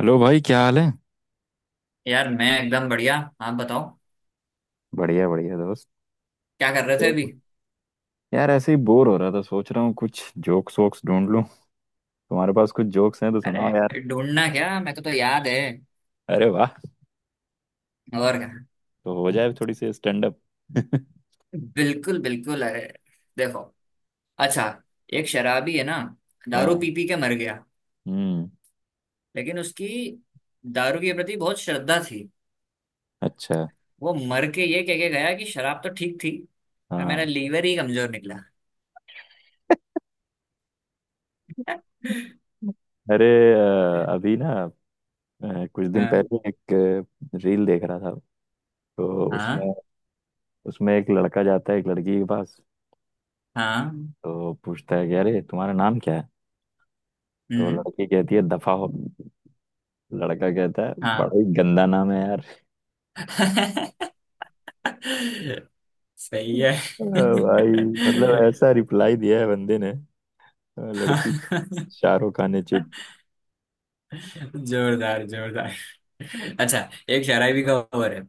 Hello भाई, क्या हाल है? यार मैं एकदम बढ़िया। आप बताओ। बढ़िया बढ़िया दोस्त। क्या कर रहे थे अभी। हेलो। यार ऐसे ही बोर हो रहा था, सोच रहा हूँ कुछ जोक्स वोक्स ढूंढ लूँ। तुम्हारे पास कुछ जोक्स हैं तो सुनाओ यार। अरे ढूंढना क्या, मेरे को तो याद है। अरे वाह। और क्या। तो हो जाए थोड़ी सी स्टैंड अप। बिल्कुल बिल्कुल। अरे देखो। अच्छा, एक शराबी है ना, दारू हाँ। पी पी के मर गया। हम्म। लेकिन उसकी दारू के प्रति बहुत श्रद्धा थी। अच्छा। वो मर के ये कह के गया कि शराब तो ठीक थी, पर हाँ। मेरा लीवर ही कमजोर निकला। अरे, अभी ना, कुछ दिन हाँ, पहले एक रील देख रहा था। तो हाँ, उसमें, उसमें एक लड़का जाता है एक लड़की के पास। हाँ। तो पूछता है कि अरे तुम्हारा नाम क्या है? तो हम्म। लड़की कहती है दफा हो। लड़का कहता है हाँ। बड़ा ही गंदा नाम है यार। सही है। अरे भाई, मतलब ऐसा रिप्लाई दिया है बंदे ने। लड़की शाहरुख खान ने चित। जोरदार, जोरदार। अच्छा, एक शराबी का ओवर है।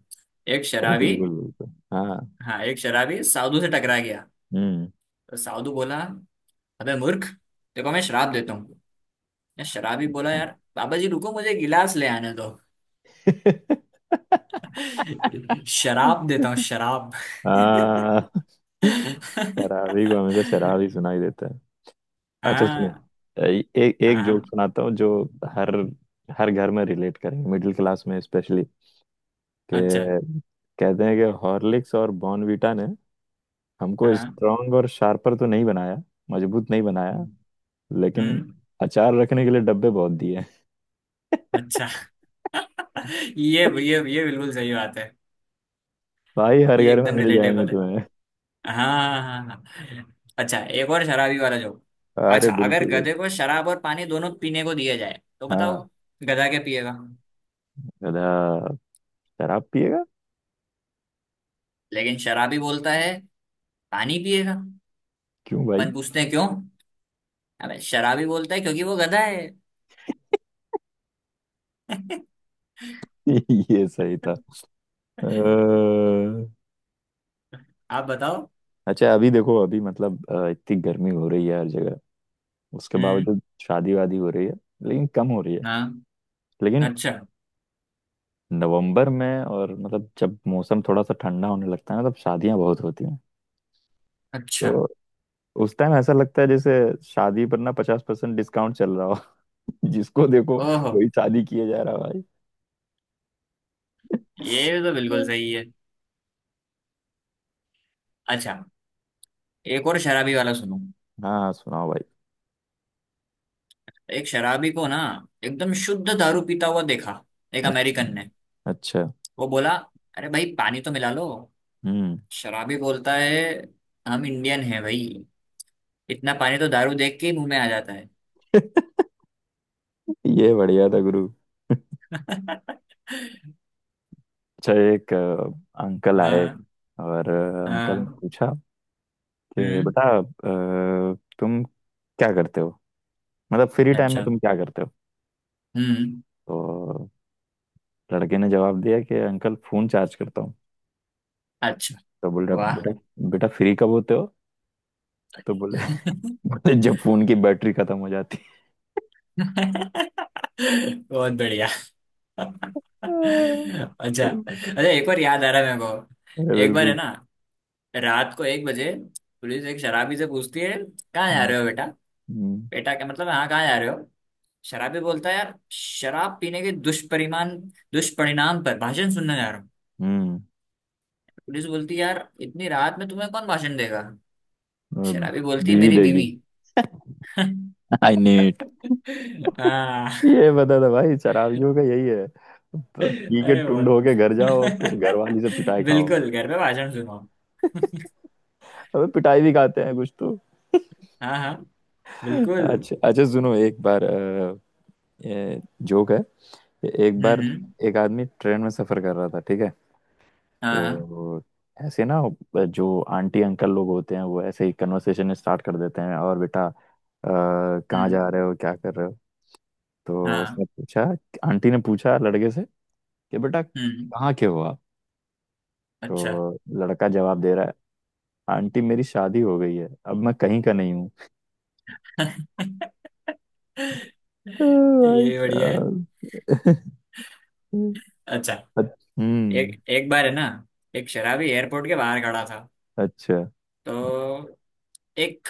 एक अरे शराबी। बिल्कुल बिल्कुल, हाँ। हाँ, एक शराबी साधु से टकरा गया। हम्म। तो साधु बोला, अबे मूर्ख, देखो मैं शराब देता हूँ। या शराबी बोला, अच्छा। यार बाबा जी रुको, मुझे गिलास ले आने दो। शराब देता हूँ शराब। हाँ। शराबी को हमेशा शराब ही सुनाई देता है। अच्छा सुनो, हाँ, एक हाँ, एक जोक हाँ। सुनाता हूँ जो हर हर घर में रिलेट करेंगे, मिडिल क्लास में स्पेशली। अच्छा। कि कहते हैं कि हॉर्लिक्स और बॉर्नवीटा ने हमको हाँ। स्ट्रांग और शार्पर तो नहीं बनाया, मजबूत नहीं बनाया, लेकिन हम्म। अचार रखने के लिए डब्बे बहुत दिए। अच्छा। ये ये- ये ये बिल्कुल सही बात है। भाई हर ये घर में एकदम मिल जाएंगे रिलेटेबल है। तुम्हें। हाँ, हाँ, हाँ। अच्छा, एक और शराबी वाला जोक। अरे अच्छा, अगर बिल्कुल बिल्कुल। गधे को शराब और पानी दोनों पीने को दिया जाए तो बताओ, हाँ। गधा क्या पिएगा। गधा शराब पिएगा। लेकिन शराबी बोलता है पानी पिएगा। क्यों भाई? अपन पूछते हैं क्यों। अबे शराबी बोलता है क्योंकि वो गधा है। ये सही था। अ, आप बताओ। अच्छा, अभी देखो, अभी मतलब इतनी गर्मी हो रही है हर जगह। उसके हम्म। बावजूद शादी वादी हो रही है, लेकिन कम हो रही है। हाँ। लेकिन अच्छा। नवंबर में, और मतलब जब मौसम थोड़ा सा ठंडा होने लगता है ना, तब शादियां बहुत होती हैं। अच्छा। तो उस टाइम ऐसा लगता है जैसे शादी पर ना 50% डिस्काउंट चल रहा हो। जिसको देखो ओहो, वही शादी किया जा रहा है भाई। ये तो बिल्कुल हम्म। सही है। अच्छा, एक और शराबी वाला सुनो। हाँ सुनाओ भाई। एक शराबी को ना, एकदम शुद्ध दारू पीता हुआ देखा एक अच्छा। अमेरिकन ने। अच्छा। वो बोला, अरे भाई पानी तो मिला लो। हम्म। शराबी बोलता है, हम इंडियन हैं भाई, इतना पानी तो दारू देख के ही मुंह में आ जाता है। ये बढ़िया था गुरु। अच्छा, एक अंकल आए, हाँ, और अंकल ने हाँ। पूछा कि हम्म। बेटा, तुम क्या करते हो? मतलब फ्री टाइम में अच्छा। तुम क्या करते हो? हम्म। तो लड़के ने जवाब दिया कि अंकल फोन चार्ज करता हूँ। अच्छा। तो बोल रहा, वाह। बेटा बेटा फ्री कब होते हो? तो बोले, बोले जब फोन की बैटरी खत्म हो जाती है। बहुत बढ़िया। अच्छा। अच्छा, एक बार याद आ रहा है मेरे अरे को। एक बार है बिल्कुल। ना, रात को 1 बजे पुलिस एक शराबी से पूछती है, कहाँ जा हम्म, रहे हो बेटा। बेटा क्या मतलब, हाँ कहाँ जा रहे हो। शराबी बोलता है, यार शराब पीने के दुष्परिमान दुष्परिणाम पर भाषण सुनने जा रहा हूँ। हम्म। पुलिस बोलती, यार इतनी रात में तुम्हें कौन भाषण देगा। अब शराबी बोलती है, बीवी मेरी देगी। बीवी। I need. हाँ। ये बता था भाई, शराबियों का यही है, पी के अरे टुंड बहुत। होके घर जाओ और फिर घर वाली से पिटाई खाओ। बिल्कुल, घर पे भाषण सुनो। अबे पिटाई भी खाते हैं कुछ तो। हाँ, हाँ। बिल्कुल। अच्छा अच्छा सुनो, एक बार जोक है। एक हम्म, बार हम्म। एक आदमी ट्रेन में सफर कर रहा था, ठीक है। हाँ, हाँ। तो ऐसे ना, जो आंटी अंकल लोग होते हैं वो ऐसे ही कन्वर्सेशन स्टार्ट कर देते हैं, और बेटा कहाँ हम्म। जा रहे हो, क्या कर रहे हो? तो हाँ। उसने पूछा, आंटी ने पूछा लड़के से कि बेटा हम्म, कहाँ के हो आप? अच्छा। तो लड़का जवाब दे रहा है, आंटी मेरी शादी हो गई है, अब मैं कहीं का नहीं हूँ। भाई ये बढ़िया है। साहब। अच्छा, हम्म। एक एक बार है ना, एक शराबी एयरपोर्ट के बाहर खड़ा था। अच्छा। तो एक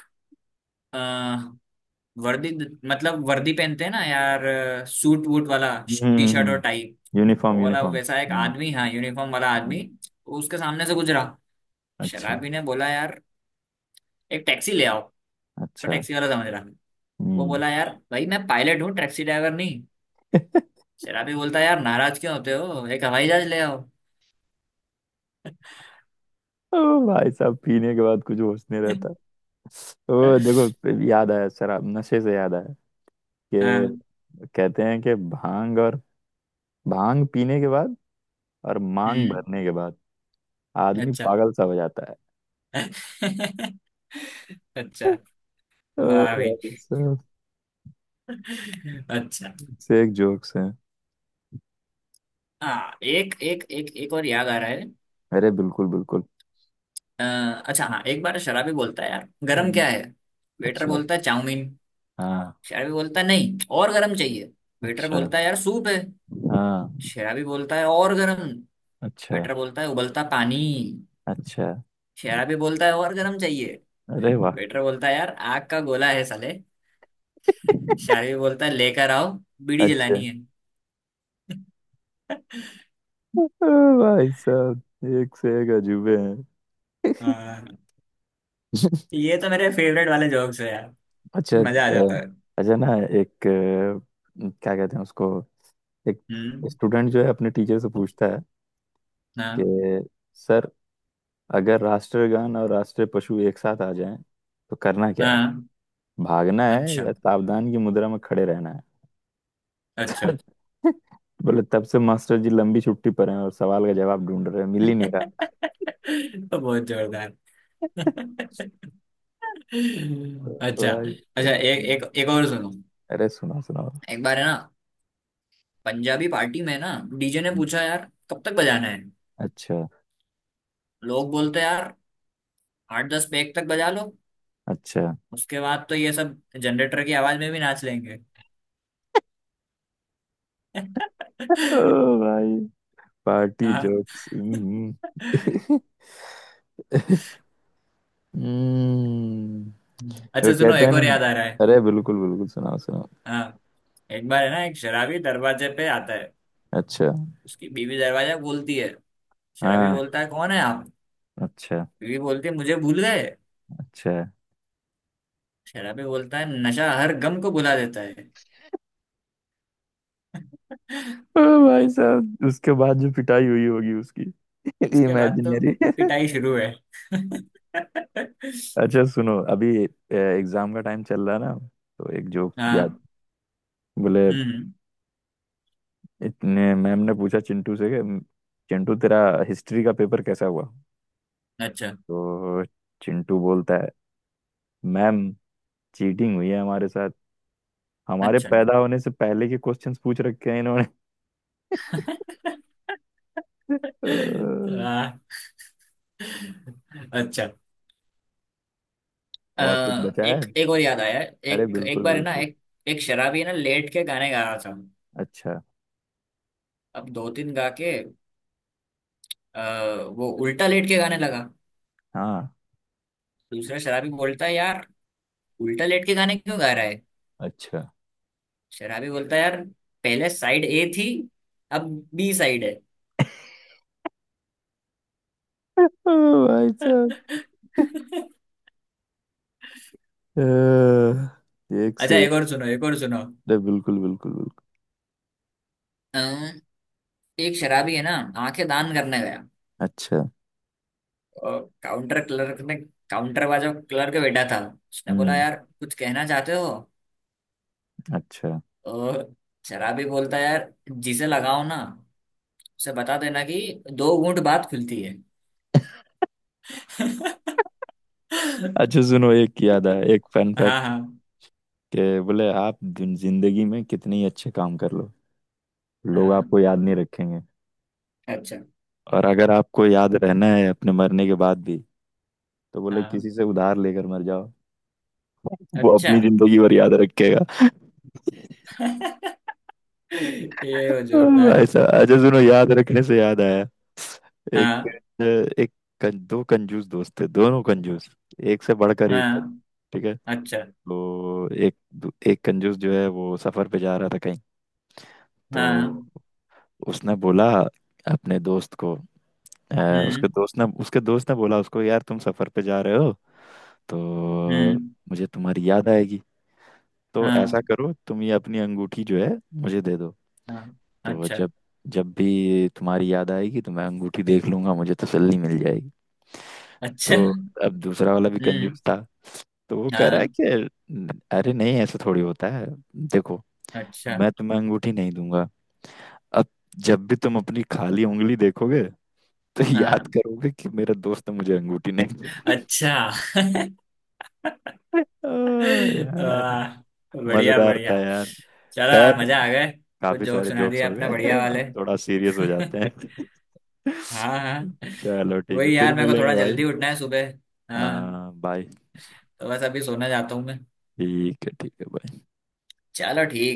वर्दी, मतलब वर्दी पहनते हैं ना यार, सूट वूट वाला, हम्म, टी शर्ट और टाई, यूनिफॉर्म वो वाला यूनिफॉर्म, वैसा एक हम्म। uniform, uniform, आदमी, हाँ यूनिफॉर्म वाला आदमी, हम्म। उसके सामने से गुजरा। अच्छा। शराबी ने बोला, यार एक टैक्सी ले आओ। उसको अच्छा। टैक्सी वाला समझ रहा। वो हम्म। बोला, यार भाई मैं पायलट हूँ, टैक्सी ड्राइवर नहीं। शराबी बोलता, यार नाराज क्यों होते हो, एक हवाई जहाज ले आओ। ओ भाई साहब, पीने के बाद कुछ होश नहीं रहता। ओ देखो याद आया, शराब नशे से याद आया हाँ। कि कहते हैं कि भांग और, भांग पीने के बाद और मांग हम्म। भरने के बाद आदमी अच्छा। पागल सा हो जाता है। अच्छा। ओ वाह भाई। भाई साहब, अच्छा। से एक जोक्स है। हाँ, एक एक एक एक और याद आ रहा है। अरे बिल्कुल बिल्कुल। अ, अच्छा, हाँ, एक बार शराबी बोलता है, यार गरम हम्म। क्या है। वेटर अच्छा बोलता है, चाउमीन। हाँ। शराबी बोलता है, नहीं और गरम चाहिए। वेटर अच्छा बोलता है, यार सूप है। हाँ। शराबी बोलता है, और गरम। अच्छा। वेटर बोलता है, उबलता पानी। अच्छा। शराबी बोलता है, और गरम चाहिए। अरे वाह। वेटर बोलता है, यार आग का गोला है साले। शराबी बोलता है, लेकर आओ, बीड़ी अच्छा। जलानी है। ओ भाई साहब, एक से एक अजूबे हैं। हाँ, ये तो मेरे फेवरेट वाले जोक्स है यार। अच्छा, मजा आ जाता है। अच्छा ना, एक क्या कहते हैं उसको, एक हम्म। स्टूडेंट जो है, अपने टीचर से पूछता है हाँ, कि सर, अगर राष्ट्रगान और राष्ट्रीय पशु एक साथ आ जाएं तो करना क्या है? हाँ। भागना है अच्छा। या सावधान की मुद्रा में खड़े रहना है? अच्छा। बोले तब से मास्टर जी लंबी छुट्टी पर हैं और सवाल का जवाब ढूंढ रहे हैं, मिल ही नहीं रहा। तो बहुत जोरदार। अच्छा। तो, तो भाई, अच्छा, तो, एक एक एक और सुनो। अरे सुना सुना। एक बार है ना, पंजाबी पार्टी में ना डीजे ने पूछा, यार कब तक बजाना है। अच्छा। लोग बोलते, यार 8-10 पैग तक बजा लो। अच्छा। उसके बाद तो ये सब जनरेटर की आवाज में भी नाच लेंगे। ओ भाई, पार्टी हाँ। जोक्स। हम्म। वो फिर अच्छा सुनो, कहते हैं, एक और सुना ना। याद आ रहा है। अरे बिल्कुल बिल्कुल, सुनाओ सुनाओ। हाँ, एक बार है ना, एक शराबी दरवाजे पे आता है, अच्छा उसकी बीवी दरवाजा खोलती है। शराबी हाँ। बोलता है, कौन है आप। अच्छा। बीवी बोलती है, मुझे भूल गए। अच्छा। शराबी बोलता है, नशा हर गम को भुला देता है। ओ भाई साहब, उसके बाद जो पिटाई हुई होगी उसकी, उसके बाद तो इमेजिनरी। पिटाई शुरू है। अच्छा सुनो, अभी एग्जाम का टाइम चल रहा है ना, तो एक जोक याद। हाँ। बोले हम्म, हम्म। इतने, मैम ने पूछा चिंटू से कि चिंटू तेरा हिस्ट्री का पेपर कैसा हुआ? अच्छा। तो चिंटू बोलता है मैम, चीटिंग हुई है हमारे साथ, हमारे अच्छा। पैदा होने से पहले के क्वेश्चंस पूछ रखे हैं इन्होंने। अह, हाँ। अच्छा। अ, और कुछ बचा है? एक एक और याद आया। अरे एक एक बिल्कुल बार है ना, बिल्कुल। एक एक शराबी है ना लेट के गाने गा रहा था। अच्छा। अब दो तीन गा के, आ, वो उल्टा लेट के गाने लगा। हाँ। दूसरा शराबी बोलता है, यार उल्टा लेट के गाने क्यों गा रहा। अच्छा। शराबी बोलता है, यार पहले साइड ए थी, अब बी साइड है। अह, भाई साहब, एक अच्छा, से एक। एक और सुनो, एक और सुनो। अरे बिल्कुल बिल्कुल बिल्कुल। अम्म, एक शराबी है ना, आंखें दान करने गया। अच्छा। और काउंटर क्लर्क ने, काउंटर वाला जो क्लर्क बैठा था, उसने बोला, हम्म। यार कुछ कहना चाहते हो। अच्छा। और शराबी बोलता है, यार जिसे लगाओ ना, उसे बता देना कि दो घूंट बात खुलती है। अच्छा सुनो, एक याद है, एक फन हाँ, फैक्ट हाँ, के बोले, आप जिंदगी में कितने ही अच्छे काम कर लो, लोग आपको हाँ। याद नहीं रखेंगे, अच्छा। और अगर आपको याद रहना है अपने मरने के बाद भी, तो बोले किसी हाँ। से उधार लेकर मर जाओ। वो अच्छा। अपनी जिंदगी भर याद रखेगा। ये वो जोरदार। भाई साहब, अच्छा सुनो, याद रखने से याद आया। एक हाँ, एक कं, दो कंजूस दोस्त थे, दोनों कंजूस, एक से बढ़कर एक, हाँ। ठीक है। अच्छा। तो एक कंजूस जो है वो सफर पे जा रहा था कहीं। तो हाँ। उसने बोला, अपने दोस्त को, अ, उसके हम्म, दोस्त ने उसके दोस्त ने बोला उसको, यार तुम सफर पे जा रहे हो, तो हम्म। मुझे तुम्हारी याद आएगी, तो ऐसा हाँ, करो, तुम ये अपनी अंगूठी जो है मुझे दे दो। हाँ। तो अच्छा। जब जब भी तुम्हारी याद आएगी तो मैं अंगूठी देख लूंगा, मुझे तसल्ली मिल जाएगी। अच्छा। तो अब दूसरा वाला भी हम्म। कंजूस था, तो वो कह रहा है हाँ। कि अरे नहीं, ऐसा थोड़ी होता है। देखो, अच्छा। मैं तुम्हें अंगूठी नहीं दूंगा। अब जब भी तुम अपनी खाली उंगली देखोगे, तो हाँ। याद करोगे कि मेरा दोस्त ने मुझे अंगूठी नहीं दी। अच्छा। ओ यार, वाह, बढ़िया, मजेदार बढ़िया। था यार। चलो यार, खैर, मजा आ गए। कुछ काफी जोक सारे सुना दिए जोक्स हो आपने बढ़िया गए। अब वाले। थोड़ा सीरियस हो जाते हैं। हाँ, हाँ। चलो ठीक है, वही यार, फिर मेरे को थोड़ा मिलेंगे भाई। जल्दी उठना है सुबह। हाँ। हाँ बाय। तो बस अभी सोने जाता हूँ मैं। ठीक है, ठीक है, bye। चलो ठीक